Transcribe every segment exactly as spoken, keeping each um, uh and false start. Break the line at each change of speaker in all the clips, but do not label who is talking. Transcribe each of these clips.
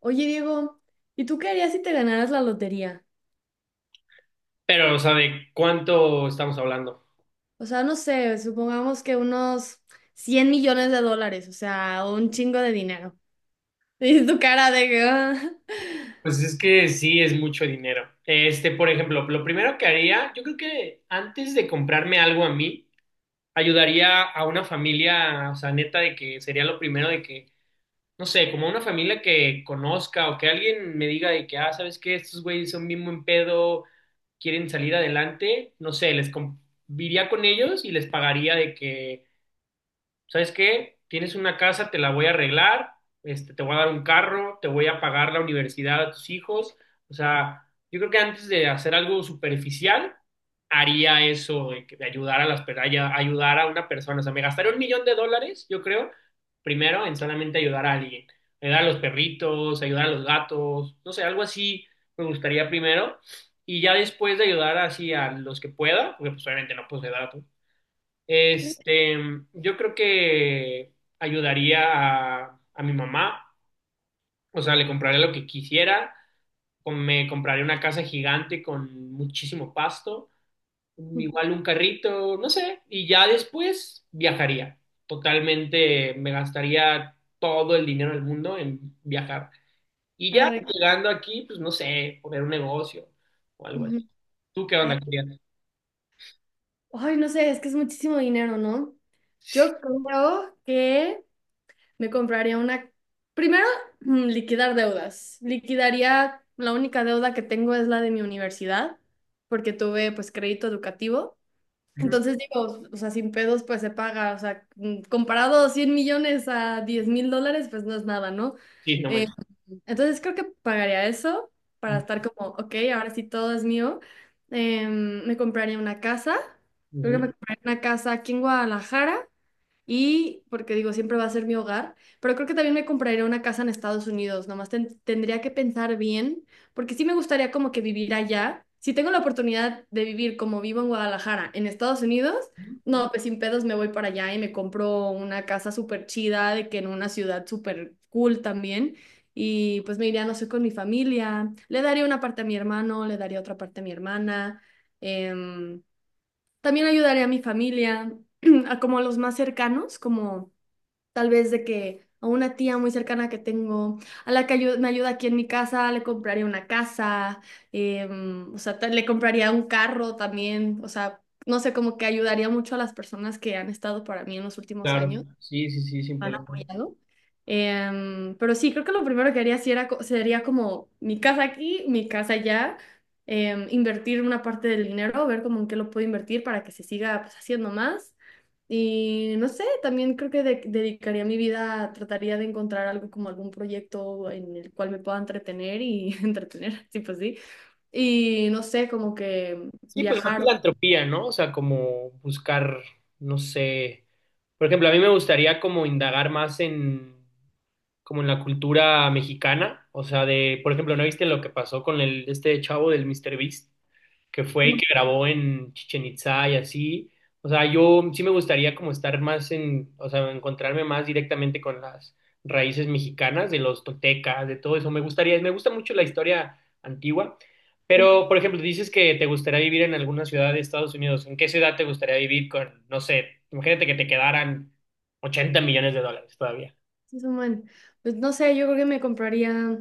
Oye, Diego, ¿y tú qué harías si te ganaras la lotería?
Pero, o sea, ¿de cuánto estamos hablando?
O sea, no sé, supongamos que unos cien millones de dólares, o sea, un chingo de dinero. Y tu cara de que... "Ah".
Pues es que sí es mucho dinero. Este, por ejemplo, lo primero que haría, yo creo que antes de comprarme algo a mí, ayudaría a una familia, o sea, neta, de que sería lo primero de que, no sé, como una familia que conozca o que alguien me diga de que, ah, ¿sabes qué? Estos güeyes son bien buen pedo, quieren salir adelante, no sé, les com- iría con ellos y les pagaría de que, ¿sabes qué? Tienes una casa, te la voy a arreglar, este, te voy a dar un carro, te voy a pagar la universidad a tus hijos. O sea, yo creo que antes de hacer algo superficial, haría eso de, que- de ayudar a las, per- ay- ayudar a una persona. O sea, me gastaría un millón de dólares, yo creo, primero en solamente ayudar a alguien. Ayudar a los perritos, ayudar a los gatos, no sé, algo así me gustaría primero. Y ya después de ayudar así a los que pueda, porque pues obviamente no puedo ayudar a todos, este, yo creo que ayudaría a, a mi mamá, o sea, le compraría lo que quisiera. Com- me compraría una casa gigante con muchísimo pasto, igual un carrito, no sé, y ya después viajaría. Totalmente me gastaría todo el dinero del mundo en viajar. Y ya
Arre,
llegando aquí, pues no sé, poner un negocio o algo así.
ujú,
¿Tú qué
ar-
onda, querías?
ay, no sé, es que es muchísimo dinero, ¿no? Yo creo que me compraría una... Primero, mm, liquidar deudas. Liquidaría, la única deuda que tengo es la de mi universidad, porque tuve pues crédito educativo.
Ujú.
Entonces digo, o sea, sin pedos pues se paga, o sea, mm, comparado a 100 millones a diez mil dólares pues no es nada, ¿no?
Sí, no
Eh,
manches.
entonces creo que pagaría eso para estar como, ok, ahora sí todo es mío. Em, me compraría una casa, creo que me
Ujú.
compraría una casa aquí en Guadalajara y porque digo, siempre va a ser mi hogar, pero creo que también me compraría una casa en Estados Unidos, nomás ten- tendría que pensar bien, porque sí me gustaría como que vivir allá. Si tengo la oportunidad de vivir como vivo en Guadalajara, en Estados Unidos,
Ujú.
no, pues sin pedos me voy para allá y me compro una casa súper chida, de que en una ciudad súper cool también. Y pues me iría, no sé, con mi familia, le daría una parte a mi hermano, le daría otra parte a mi hermana. em, también ayudaré a mi familia, a como a los más cercanos, como tal vez de que a una tía muy cercana que tengo, a la que ayu- me ayuda aquí en mi casa, le compraría una casa, em, o sea, ta- le compraría un carro también, o sea, no sé, como que ayudaría mucho a las personas que han estado para mí en los últimos
Claro,
años
sí, sí, sí, sin
han
problema.
apoyado. Em, pero sí, creo que lo primero que haría sí era, co- sería como mi casa aquí, mi casa allá, em, invertir una parte del dinero, ver cómo en qué lo puedo invertir para que se siga pues, haciendo más. Y no sé, también creo que de- dedicaría mi vida, trataría de encontrar algo como algún proyecto en el cual me pueda entretener y entretener, sí, pues sí. Y no sé, como que
Sí, pues más
viajar.
filantropía, ¿no? O sea, como buscar, no sé, por ejemplo, a mí me gustaría como indagar más en, como en la cultura mexicana, o sea, de, por ejemplo, ¿no viste lo que pasó con el este chavo del mister Beast, que fue y
No,
que grabó en Chichen Itza y así? O sea, yo sí me gustaría como estar más en, o sea, encontrarme más directamente con las raíces mexicanas, de los toltecas, de todo eso. Me gustaría, me gusta mucho la historia antigua. Pero, por ejemplo, dices que te gustaría vivir en alguna ciudad de Estados Unidos. ¿En qué ciudad te gustaría vivir con, no sé, imagínate que te quedaran ochenta millones de dólares todavía?
sí, son. Pues no sé, yo creo que me compraría.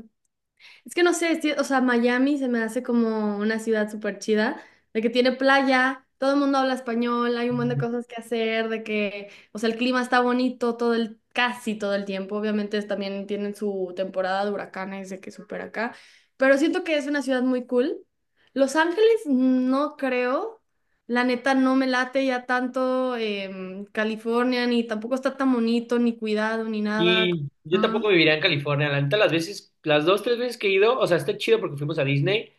Es que no sé, sí, o sea, Miami se me hace como una ciudad súper chida, de que tiene playa, todo el mundo habla español, hay un montón de cosas que hacer, de que, o sea, el clima está bonito todo el, casi todo el tiempo. Obviamente es- también tienen su temporada de huracanes, de que súper acá, pero siento que es una ciudad muy cool. Los Ángeles no creo, la neta no me late ya tanto em, California, ni tampoco está tan bonito, ni cuidado, ni nada.
Y yo tampoco viviría en California. La neta, las veces, las dos, tres veces que he ido, o sea, está chido porque fuimos a Disney,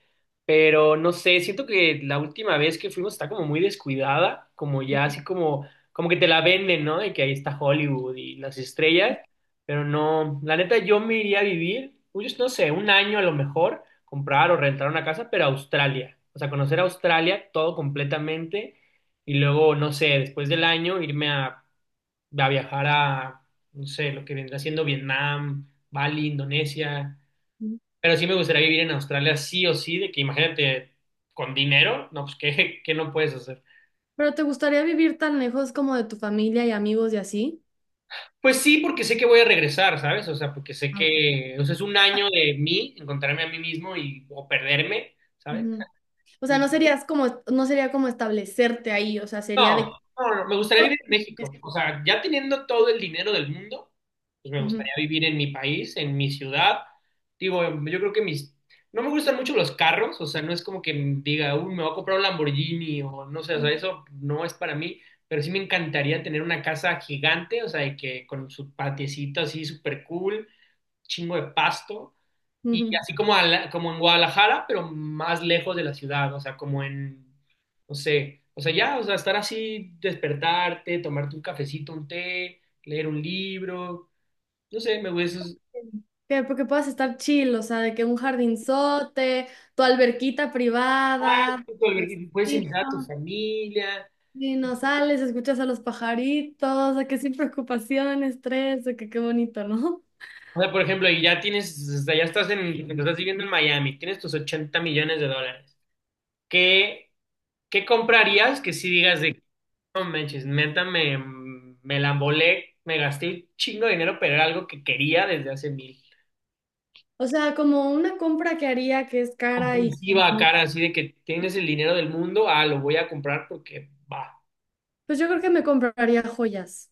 pero no sé, siento que la última vez que fuimos está como muy descuidada, como ya así como, como que te la venden, ¿no? Y que ahí está Hollywood y las estrellas, pero no, la neta, yo me iría a vivir, pues, no sé, un año a lo mejor, comprar o rentar una casa, pero a Australia. O sea, conocer Australia todo completamente y luego, no sé, después del año irme a a viajar a, no sé, lo que vendrá siendo Vietnam, Bali, Indonesia.
¿No?
Pero sí me gustaría vivir en Australia, sí o sí, de que imagínate, con dinero, no, pues, ¿qué, qué no puedes hacer?
Pero ¿te gustaría vivir tan lejos como de tu familia y amigos y así?
Pues sí, porque sé que voy a regresar, ¿sabes? O sea, porque sé
Ah, ok.
que, o sea, es un año de mí, encontrarme a mí mismo y, o perderme, ¿sabes?
Ujú. O sea, no serías como, no sería como establecerte ahí, o sea, sería
No,
de...
no, no, me gustaría vivir en México. O sea, ya teniendo todo el dinero del mundo, pues me
Ujú.
gustaría vivir en mi país, en mi ciudad. Digo, yo creo que mis... No me gustan mucho los carros, o sea, no es como que diga, uy, me voy a comprar un Lamborghini o no sé, o sea, eso no es para mí, pero sí me encantaría tener una casa gigante, o sea, de que con su patiecito así súper cool, chingo de pasto y
Ujú.
así como, a la- como en Guadalajara, pero más lejos de la ciudad, o sea, como en, no sé, o sea, ya, o sea, estar así, despertarte, tomarte un cafecito, un té, leer un libro, no sé, me gusta eso.
Que porque puedas estar chill, o sea, de que un jardinzote, tu alberquita
Ah,
privada, tu
puedes
osito,
invitar a tu familia.
y no sales, escuchas a los pajaritos, de que sin preocupación, estrés, de que qué bonito, ¿no?
O sea, por ejemplo, y ya tienes, o sea, ya estás en, estás viviendo en Miami, tienes tus ochenta millones de dólares. ¿Qué, qué comprarías, que si digas de no manches, neta, me, me la embolé, me gasté un chingo de dinero, pero era algo que quería desde hace mil?
O sea, como una compra que haría que es cara y que
Compulsiva,
no.
cara, así de que tienes el dinero del mundo, ah, lo voy a comprar porque va.
Pues yo creo que me compraría joyas.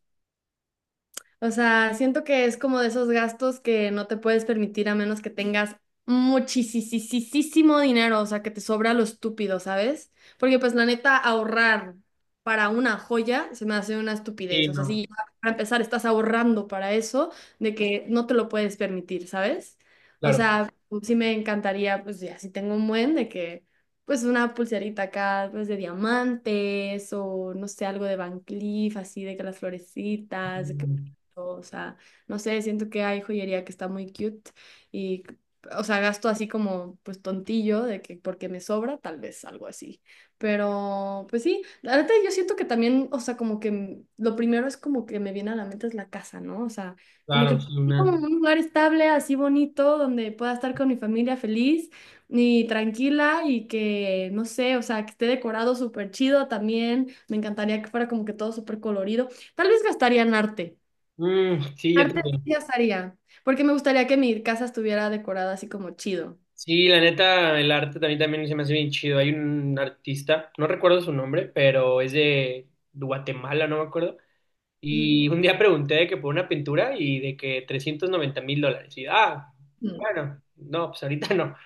O sea, siento que es como de esos gastos que no te puedes permitir a menos que tengas muchísimo dinero, o sea, que te sobra lo estúpido, ¿sabes? Porque pues la neta, ahorrar para una joya se me hace una
Sí,
estupidez. O sea,
no,
si ya para empezar estás ahorrando para eso, de que no te lo puedes permitir, ¿sabes? O
claro.
sea, sí me encantaría, pues ya, si tengo un buen de que, pues una pulserita acá, pues de diamantes o no sé, algo de Van Cleef, así de que las florecitas.
Mm.
O sea, no sé, siento que hay joyería que está muy cute y, o sea, gasto así como, pues tontillo, de que porque me sobra, tal vez algo así. Pero, pues sí, la verdad yo siento que también, o sea, como que m- lo primero es como que me viene a la mente es la casa, ¿no? O sea, como
Claro,
que
sí,
sí, como
una.
un lugar estable, así bonito, donde pueda estar con mi familia feliz y tranquila y que, no sé, o sea, que esté decorado súper chido también. Me encantaría que fuera como que todo súper colorido. Tal vez gastaría en arte.
Mm, sí, yo
Artes sí
también.
haría, porque me gustaría que mi casa estuviera decorada así como chido.
Sí, la neta, el arte también, también se me hace bien chido. Hay un artista, no recuerdo su nombre, pero es de Guatemala, no me acuerdo.
Ujú.
Y un día pregunté de que por una pintura y de que trescientos noventa mil dólares. Y ah,
Mm.
bueno, no, pues ahorita no.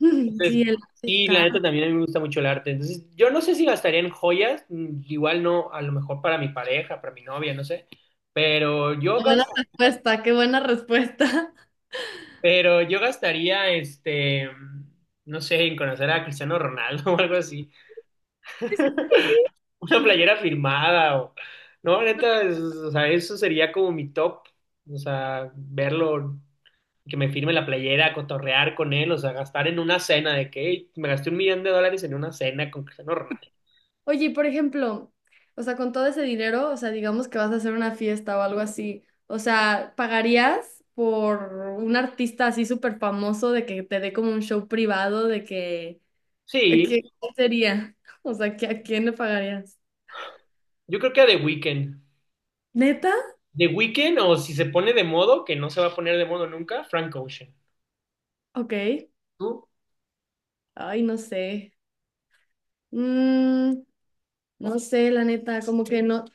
Sí,
Entonces,
el arte es
sí, la neta
caro.
también a mí me gusta mucho el arte. Entonces, yo no sé si gastaría en joyas, mm, igual no, a lo mejor para mi pareja, para mi novia, no sé. Pero yo,
Qué
gas-
buena respuesta, qué buena respuesta.
pero yo gastaría, este, no sé, en conocer a Cristiano Ronaldo o algo así. Una playera firmada o... No, neta, es- o sea, eso sería como mi top. O sea, verlo, que me firme la playera, cotorrear con él, o sea, gastar en una cena de que "Ey, me gasté un millón de dólares en una cena con Cristiano Ronaldo."
Oye, y por ejemplo, o sea, con todo ese dinero, o sea, digamos que vas a hacer una fiesta o algo así, o sea, ¿pagarías por un artista así súper famoso de que te dé como un show privado de que, de
Sí,
que- ¿qué sería? O sea, ¿que a quién le pagarías?
yo creo que a The Weeknd.
¿Neta?
The Weeknd, o si se pone de modo, que no se va a poner de modo nunca, Frank Ocean.
Ok.
¿Tú?
Ay, no sé. Mm, No sé, la neta, como que no,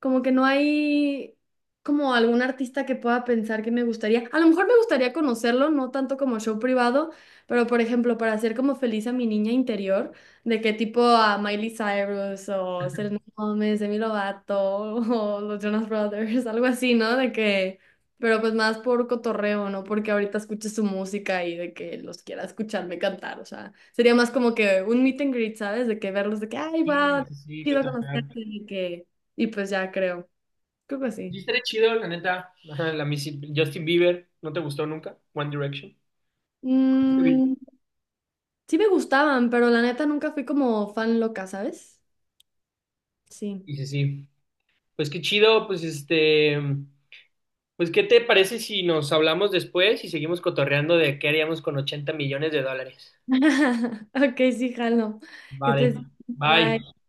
como que no hay como algún artista que pueda pensar que me gustaría. A lo mejor me gustaría conocerlo, no tanto como show privado, pero por ejemplo, para hacer como feliz a mi niña interior, de que tipo a Miley Cyrus o Selena Gómez, Demi Lovato o los Jonas Brothers, algo así, ¿no? De que, pero pues más por cotorreo, ¿no? Porque ahorita escuche su música y de que los quiera escucharme cantar, o sea, sería más como que un meet and greet, ¿sabes? De que verlos, de que, ay,
Sí,
wow,
sí, sí,
chido
cotorrear.
conocerte, de que y pues ya creo, creo que
Sí,
sí.
estaría chido, la neta. Ajá, la Missy- Justin Bieber, ¿no te gustó nunca? One Direction.
Mm, sí me gustaban, pero la neta nunca fui como fan loca, ¿sabes? Sí.
Sí, sí, sí. Pues qué chido, pues este. Pues, ¿qué te parece si nos hablamos después y seguimos cotorreando de qué haríamos con ochenta millones de dólares?
Ok, sí, jalo. Que
Vale,
estés-
bye.
bye.